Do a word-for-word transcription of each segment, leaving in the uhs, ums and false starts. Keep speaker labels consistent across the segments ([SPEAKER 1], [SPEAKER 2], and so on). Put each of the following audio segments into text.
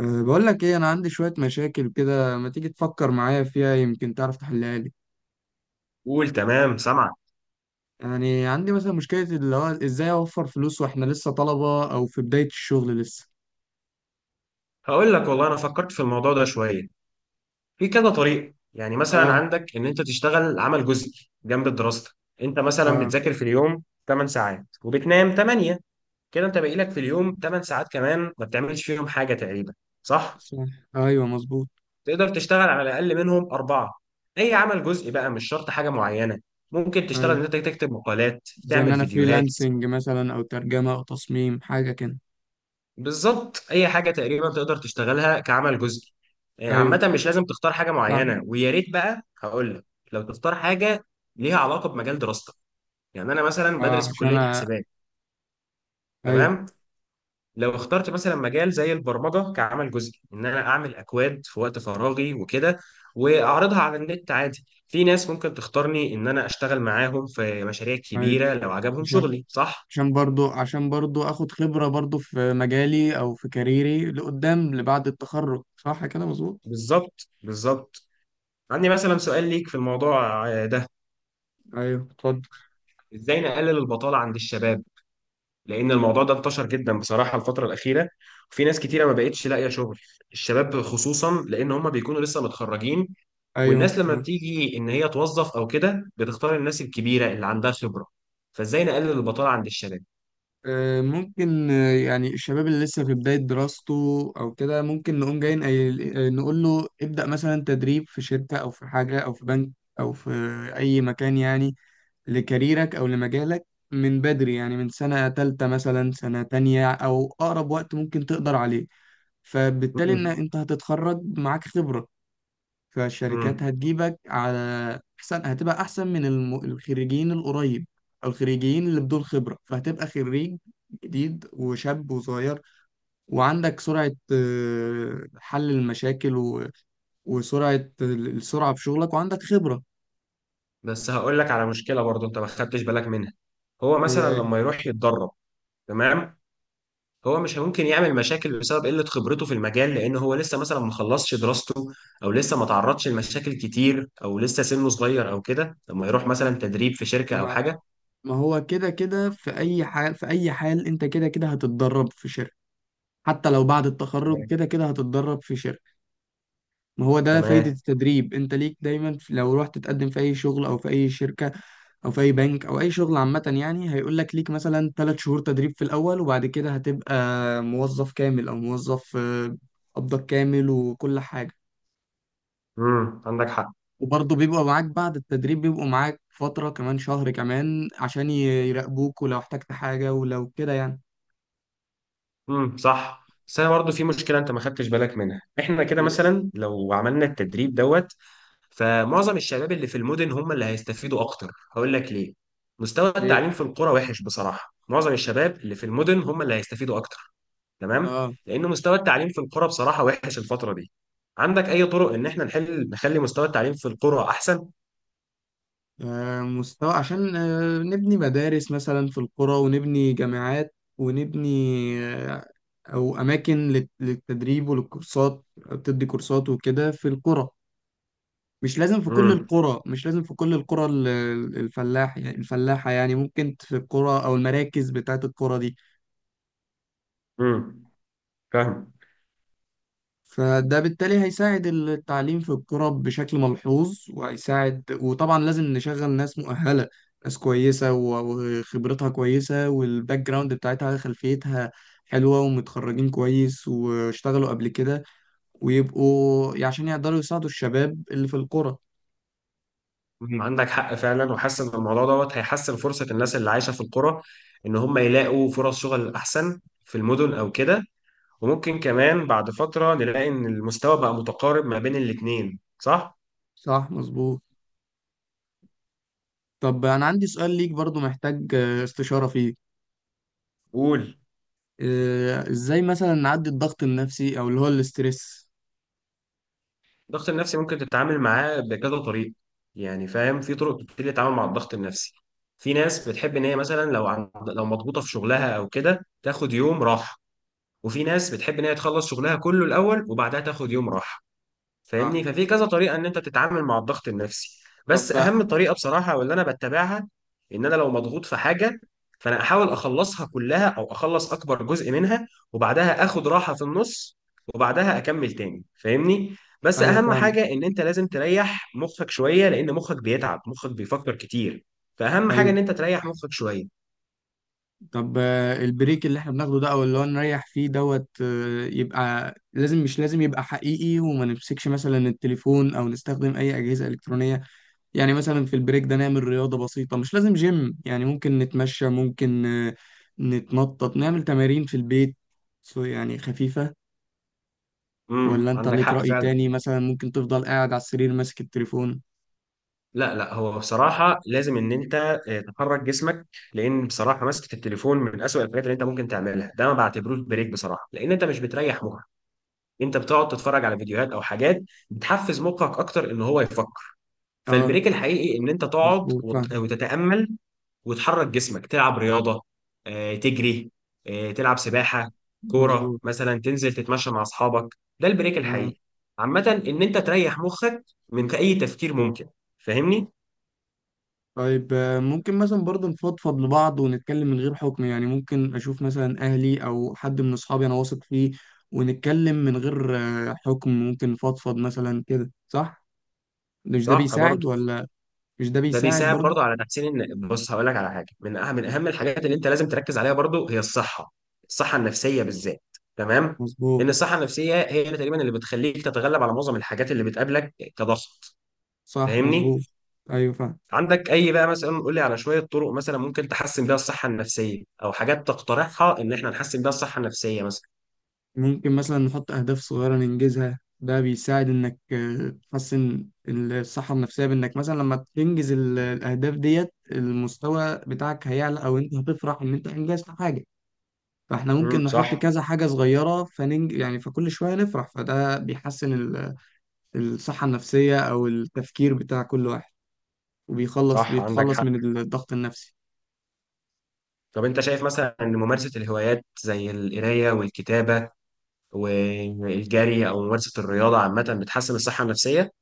[SPEAKER 1] أه، بقول لك ايه، انا عندي شوية مشاكل كده، ما تيجي تفكر معايا فيها يمكن تعرف تحلها لي.
[SPEAKER 2] قول. تمام، سامعك.
[SPEAKER 1] يعني عندي مثلا مشكلة، اللي هو ازاي اوفر فلوس واحنا لسه طلبة او في بداية الشغل لسه.
[SPEAKER 2] هقول لك والله انا فكرت في الموضوع ده شويه. في كذا طريقه، يعني مثلا
[SPEAKER 1] اه،
[SPEAKER 2] عندك ان انت تشتغل عمل جزئي جنب دراستك. انت مثلا
[SPEAKER 1] اه،
[SPEAKER 2] بتذاكر في اليوم ثمانية ساعات وبتنام ثمانية. كده انت باقي لك في اليوم ثمانية ساعات كمان ما بتعملش فيهم حاجه تقريبا، صح؟
[SPEAKER 1] صح. ايوه مظبوط.
[SPEAKER 2] تقدر تشتغل على الاقل منهم اربعه. اي عمل جزئي بقى مش شرط حاجه معينه. ممكن تشتغل ان
[SPEAKER 1] ايوه،
[SPEAKER 2] انت تكتب مقالات،
[SPEAKER 1] زي ان
[SPEAKER 2] تعمل
[SPEAKER 1] انا
[SPEAKER 2] فيديوهات.
[SPEAKER 1] فريلانسنج مثلا، او ترجمة او تصميم حاجة كده.
[SPEAKER 2] بالظبط. اي حاجه تقريبا تقدر تشتغلها كعمل جزئي. آه،
[SPEAKER 1] ايوه
[SPEAKER 2] عامه مش لازم تختار حاجه
[SPEAKER 1] صح.
[SPEAKER 2] معينه، ويا ريت بقى هقول لك لو تختار حاجه ليها علاقه بمجال دراستك. يعني انا مثلا
[SPEAKER 1] اه،
[SPEAKER 2] بدرس في
[SPEAKER 1] عشان
[SPEAKER 2] كليه
[SPEAKER 1] أ...
[SPEAKER 2] حسابات.
[SPEAKER 1] ايوه.
[SPEAKER 2] تمام. لو اخترت مثلا مجال زي البرمجه كعمل جزئي، ان انا اعمل اكواد في وقت فراغي وكده، واعرضها على النت، عادي في ناس ممكن تختارني ان انا اشتغل معاهم في مشاريع
[SPEAKER 1] ايوه.
[SPEAKER 2] كبيره لو عجبهم
[SPEAKER 1] عشان
[SPEAKER 2] شغلي، صح.
[SPEAKER 1] عشان برضو عشان برضو اخد خبرة برضو في مجالي او في كاريري لقدام، لبعد التخرج. صح كده مظبوط.
[SPEAKER 2] بالظبط بالظبط. عندي مثلا سؤال ليك في الموضوع آه، ده.
[SPEAKER 1] ايوه اتفضل.
[SPEAKER 2] ازاي نقلل البطالة عند الشباب؟ لان الموضوع ده انتشر جدا بصراحة الفترة الأخيرة، وفي ناس كتيرة ما بقتش لاقية شغل. الشباب خصوصا، لان هم بيكونوا لسه متخرجين،
[SPEAKER 1] ايوه.
[SPEAKER 2] والناس لما بتيجي ان هي توظف او كده بتختار الناس الكبيرة اللي عندها خبرة. فازاي نقلل البطالة عند الشباب؟
[SPEAKER 1] آه، ممكن آه، يعني الشباب اللي لسه في بداية دراسته او كده، ممكن نقوم جايين نقول له ابدأ مثلا تدريب في شركة، او في حاجة، او في بنك، او في اي مكان يعني، لكاريرك او لمجالك من بدري، يعني من سنة تالتة مثلا، سنة تانية او اقرب وقت ممكن تقدر عليه. فبالتالي ان
[SPEAKER 2] امم
[SPEAKER 1] انت هتتخرج معاك خبرة، فالشركات
[SPEAKER 2] امم
[SPEAKER 1] هتجيبك على احسن، هتبقى احسن من الم... الخريجين القريب، او الخريجين اللي بدون خبرة، فهتبقى خريج جديد وشاب وصغير، وعندك سرعة آه، حل المشاكل و... وسرعة السرعة في شغلك، وعندك خبرة.
[SPEAKER 2] بس هقول لك على مشكلة برضو انت ما خدتش بالك منها. هو مثلا
[SPEAKER 1] هي.
[SPEAKER 2] لما يروح يتدرب، تمام، هو مش ممكن يعمل مشاكل بسبب قلة خبرته في المجال، لأن هو لسه مثلا ما خلصش دراسته، أو لسه ما تعرضش لمشاكل كتير، أو لسه سنه صغير أو كده لما يروح مثلا تدريب في شركة أو
[SPEAKER 1] ما...
[SPEAKER 2] حاجة.
[SPEAKER 1] ما هو كده كده في أي حال، في أي حال أنت كده كده هتتدرب في شركة، حتى لو بعد التخرج
[SPEAKER 2] تمام
[SPEAKER 1] كده كده هتتدرب في شركة. ما هو ده فايدة
[SPEAKER 2] تمام.
[SPEAKER 1] التدريب، انت ليك دايما في- لو رحت تقدم في اي شغل، او في اي شركة، او في اي بنك، او اي شغل عامة، يعني هيقول لك ليك مثلا ثلاث شهور تدريب في الاول، وبعد كده هتبقى موظف كامل، او موظف آه، قبضك كامل وكل حاجة.
[SPEAKER 2] امم عندك حق.
[SPEAKER 1] وبرضه بيبقوا معاك، بعد التدريب بيبقوا معاك فترة كمان، شهر كمان عشان ي- يراقبوك، ولو احتجت حاجة ولو كده يعني.
[SPEAKER 2] امم صح، بس أنا برضه في مشكلة أنت ما خدتش بالك منها. إحنا كده
[SPEAKER 1] ليه؟
[SPEAKER 2] مثلا لو عملنا التدريب دوت، فمعظم الشباب اللي في المدن هم اللي هيستفيدوا أكتر. هقول لك ليه. مستوى
[SPEAKER 1] ليه؟
[SPEAKER 2] التعليم في القرى وحش بصراحة. معظم الشباب اللي في المدن هم اللي هيستفيدوا أكتر. تمام.
[SPEAKER 1] اه.
[SPEAKER 2] لأنه مستوى التعليم في القرى بصراحة وحش الفترة دي. عندك أي طرق إن إحنا نحل نخلي مستوى التعليم في القرى أحسن؟
[SPEAKER 1] آه، مستوى، عشان آه، نبني مدارس مثلا في القرى، ونبني جامعات، ونبني آه، أو أماكن لل- للتدريب، وللكورسات، بتدي كورسات وكده في القرى. مش لازم في كل
[SPEAKER 2] امم
[SPEAKER 1] القرى مش لازم في كل القرى، ال- الفلاح يعني الفلاحة، يعني ممكن في القرى أو المراكز بتاعت القرى دي.
[SPEAKER 2] امم فاهم.
[SPEAKER 1] فده بالتالي هيساعد التعليم في القرى بشكل ملحوظ، وهيساعد، وطبعا لازم نشغل ناس مؤهلة، ناس كويسة و- وخبرتها كويسة، والباك جراوند بتاعتها، خلفيتها حلوة، ومتخرجين كويس واشتغلوا قبل كده، ويبقوا عشان يقدروا يساعدوا الشباب اللي في القرى.
[SPEAKER 2] مم. عندك حق فعلا، وحاسس ان الموضوع دوت هيحسن فرصه الناس اللي عايشه في القرى ان هم يلاقوا فرص شغل احسن في المدن او كده. وممكن كمان بعد فتره نلاقي ان المستوى بقى متقارب ما بين الاثنين، صح؟
[SPEAKER 1] صح مظبوط. طب أنا عندي سؤال ليك برضو، محتاج آه، استشارة فيه.
[SPEAKER 2] قول.
[SPEAKER 1] آه، ازاي مثلا نعدي الضغط النفسي، او اللي هو الاسترس؟
[SPEAKER 2] الضغط النفسي ممكن تتعامل معاه بكذا طريقة. يعني فاهم في طرق كتير للتعامل مع الضغط النفسي. في ناس بتحب ان هي مثلا لو عند... لو مضغوطة في شغلها او كده تاخد يوم راحة. وفي ناس بتحب ان هي تخلص شغلها كله الاول وبعدها تاخد يوم راحة. فاهمني.
[SPEAKER 1] صح.
[SPEAKER 2] ففي كذا طريقه ان انت تتعامل مع الضغط النفسي.
[SPEAKER 1] طب.
[SPEAKER 2] بس اهم طريقه بصراحه واللي انا بتبعها، ان انا لو مضغوط في حاجه فانا احاول اخلصها كلها او اخلص اكبر جزء منها، وبعدها اخد راحه في النص، وبعدها اكمل تاني. فاهمني. بس
[SPEAKER 1] ايوه
[SPEAKER 2] اهم
[SPEAKER 1] فاهمك.
[SPEAKER 2] حاجه ان انت لازم تريح مخك شويه، لان مخك بيتعب، مخك بيفكر كتير. فاهم حاجه
[SPEAKER 1] ايوه.
[SPEAKER 2] ان انت تريح مخك شويه.
[SPEAKER 1] طب، آه، البريك اللي احنا بناخده ده، او اللي هو نريح فيه دوت، آه، يبقى لازم، مش لازم يبقى حقيقي، وما نمسكش مثلا التليفون او نستخدم اي اجهزة الكترونية. يعني مثلا في البريك ده نعمل رياضة بسيطة، مش لازم جيم يعني، ممكن نتمشى، ممكن آه، نتنطط، نعمل تمارين في البيت، سو يعني خفيفة. ولا
[SPEAKER 2] امم
[SPEAKER 1] انت
[SPEAKER 2] عندك
[SPEAKER 1] ليك
[SPEAKER 2] حق
[SPEAKER 1] رأي
[SPEAKER 2] فعلا.
[SPEAKER 1] تاني؟ مثلا ممكن تفضل قاعد على السرير ماسك التليفون.
[SPEAKER 2] لا لا، هو بصراحة لازم إن أنت آه، تحرك جسمك. لأن بصراحة مسكة التليفون من أسوأ الحاجات اللي أنت ممكن تعملها، ده ما بعتبروش بريك بصراحة، لأن أنت مش بتريح مخك، أنت بتقعد تتفرج على فيديوهات أو حاجات بتحفز مخك أكتر إن هو يفكر.
[SPEAKER 1] اه
[SPEAKER 2] فالبريك الحقيقي إن أنت تقعد
[SPEAKER 1] مظبوط
[SPEAKER 2] وت-
[SPEAKER 1] فاهم.
[SPEAKER 2] وتتأمل، وتحرك جسمك، تلعب رياضة، آه، تجري، آه، تلعب سباحة، كورة
[SPEAKER 1] مظبوط.
[SPEAKER 2] مثلا، تنزل تتمشى مع أصحابك، ده البريك
[SPEAKER 1] آه.
[SPEAKER 2] الحقيقي. عامة إن أنت تريح مخك من أي تفكير ممكن، فاهمني؟
[SPEAKER 1] طيب، آه، ممكن مثلا برضه نفضفض لبعض، ونتكلم من غير حكم، يعني ممكن أشوف مثلا أهلي أو حد من أصحابي أنا واثق فيه، ونتكلم من غير آه، حكم، ممكن نفضفض مثلا كده، صح؟ مش ده
[SPEAKER 2] صح
[SPEAKER 1] بيساعد
[SPEAKER 2] برضه.
[SPEAKER 1] ولا؟ مش ده
[SPEAKER 2] ده
[SPEAKER 1] بيساعد
[SPEAKER 2] بيساعد
[SPEAKER 1] برضه؟
[SPEAKER 2] برضو على تحسين ان بص هقول لك على حاجه، من اهم من اهم الحاجات اللي انت لازم تركز عليها برضو هي الصحه، الصحه النفسيه بالذات. تمام. لان
[SPEAKER 1] مظبوط.
[SPEAKER 2] الصحه النفسيه هي اللي تقريبا اللي بتخليك تتغلب على معظم الحاجات اللي بتقابلك كضغط.
[SPEAKER 1] صح
[SPEAKER 2] فاهمني.
[SPEAKER 1] مظبوط. أيوه فاهم.
[SPEAKER 2] عندك اي بقى مثلا، قول لي على شويه طرق مثلا ممكن تحسن بيها الصحه النفسيه، او حاجات تقترحها ان احنا نحسن بيها الصحه النفسيه مثلا.
[SPEAKER 1] ممكن مثلا نحط أهداف صغيرة ننجزها، ده بيساعد إنك آه، تحسن الصحة النفسية، بإنك مثلا لما تنجز ال- الأهداف ديت، المستوى بتاعك هيعلى، أو أنت هتفرح إن أنت أنجزت حاجة. فاحنا ممكن
[SPEAKER 2] امم
[SPEAKER 1] نحط
[SPEAKER 2] صح.
[SPEAKER 1] كذا حاجة صغيرة، فننج يعني فكل شوية نفرح، فده بيحسن ال- الصحة النفسية، أو التفكير بتاع كل واحد، وبيخلص
[SPEAKER 2] صح، عندك
[SPEAKER 1] بيتخلص
[SPEAKER 2] حق.
[SPEAKER 1] من الضغط النفسي.
[SPEAKER 2] طب انت شايف مثلا ان ممارسه الهوايات زي القرايه والكتابه والجري او ممارسه الرياضه عامه بتحسن الصحه النفسيه؟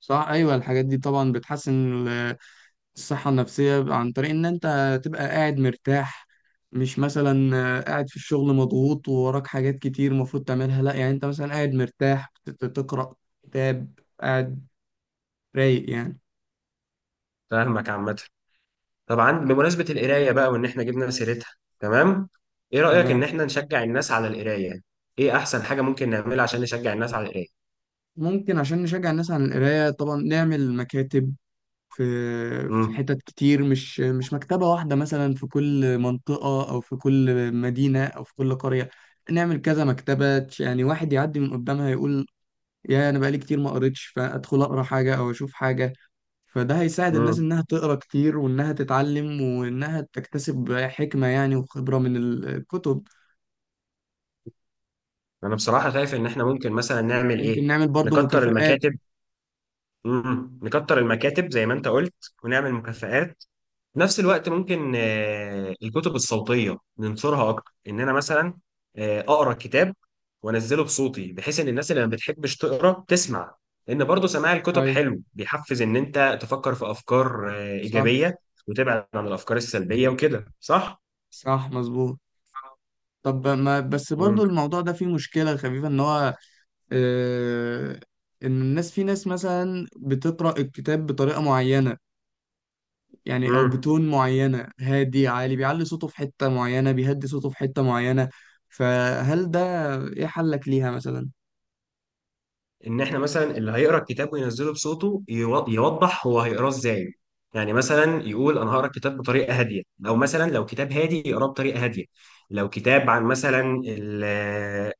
[SPEAKER 1] صح. أيوة، الحاجات دي طبعا بتحسن ال- الصحة النفسية، عن طريق إن أنت تبقى قاعد مرتاح، مش مثلا قاعد في الشغل مضغوط ووراك حاجات كتير المفروض تعملها، لا، يعني أنت مثلا قاعد مرتاح بت- تقرأ كتاب، قاعد رايق يعني.
[SPEAKER 2] فاهمك عامه. طبعا، بمناسبه القرايه بقى وان احنا جبنا سيرتها، تمام، ايه رايك ان
[SPEAKER 1] تمام.
[SPEAKER 2] احنا نشجع الناس على القرايه؟ ايه احسن حاجه ممكن نعملها عشان نشجع الناس على القرايه؟
[SPEAKER 1] ممكن، عشان نشجع الناس على القراية، طبعا نعمل مكاتب في في
[SPEAKER 2] امم
[SPEAKER 1] حتت كتير، مش مش مكتبة واحدة، مثلا في كل منطقة أو في كل مدينة أو في كل قرية، نعمل كذا مكتبة، يعني واحد يعدي من قدامها يقول: يا، أنا بقالي كتير ما قريتش، فأدخل أقرأ حاجة أو أشوف حاجة. فده هيساعد الناس
[SPEAKER 2] امم
[SPEAKER 1] إنها تقرأ كتير، وإنها تتعلم، وإنها تكتسب حكمة يعني وخبرة من الكتب.
[SPEAKER 2] انا بصراحه شايف ان احنا ممكن مثلا نعمل ايه.
[SPEAKER 1] ممكن نعمل برضو
[SPEAKER 2] نكتر
[SPEAKER 1] مكافآت.
[SPEAKER 2] المكاتب. امم نكتر المكاتب زي ما انت قلت، ونعمل مكافآت. في نفس الوقت ممكن آه، الكتب الصوتية ننشرها أكتر، إن أنا مثلا آه، أقرأ كتاب وأنزله بصوتي بحيث إن الناس اللي ما بتحبش تقرأ تسمع. لأن برضه سماع الكتب
[SPEAKER 1] أيوة.
[SPEAKER 2] حلو، بيحفز إن أنت تفكر في أفكار آه،
[SPEAKER 1] صح،
[SPEAKER 2] إيجابية وتبعد عن الأفكار السلبية وكده، صح؟
[SPEAKER 1] صح مظبوط. طب ما بس
[SPEAKER 2] مم.
[SPEAKER 1] برضو، الموضوع ده فيه مشكلة خفيفة، إن هو آه، ان الناس في ناس مثلا بتقرأ الكتاب بطريقة معينة، يعني او
[SPEAKER 2] مم.
[SPEAKER 1] بتون معينة، هادي، عالي، بيعلي صوته في حتة معينة، بيهدي صوته في حتة معينة. فهل ده ايه حلك ليها مثلا؟
[SPEAKER 2] ان احنا مثلا اللي هيقرا الكتاب وينزله بصوته يو- يوضح هو هيقراه ازاي. يعني مثلا يقول انا هقرا الكتاب بطريقه هاديه، او مثلا لو كتاب هادي يقراه بطريقه هاديه. لو كتاب عن مثلا ال-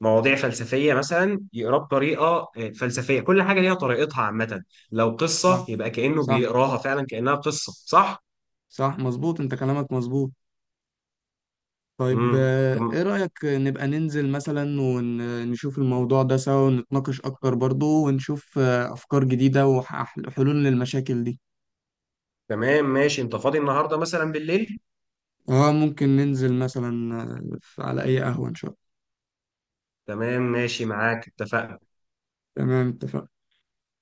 [SPEAKER 2] مواضيع فلسفيه مثلا يقراه بطريقه آه، فلسفيه. كل حاجه ليها طريقتها عامه. لو
[SPEAKER 1] صح.
[SPEAKER 2] قصه يبقى كانه
[SPEAKER 1] صح.
[SPEAKER 2] بيقراها فعلا كانها قصه، صح.
[SPEAKER 1] صح مظبوط، انت كلامك مظبوط. طيب،
[SPEAKER 2] امم
[SPEAKER 1] آه، ايه رأيك نبقى ننزل مثلا ونشوف الموضوع ده سوا، ونتناقش اكتر برضو، ونشوف آه، افكار جديدة وحلول للمشاكل دي؟
[SPEAKER 2] تمام ماشي. انت فاضي النهارده مثلا بالليل؟
[SPEAKER 1] اه، ممكن ننزل مثلا آه، على اي قهوة ان شاء الله.
[SPEAKER 2] تمام، ماشي معاك، اتفقنا.
[SPEAKER 1] تمام اتفقنا.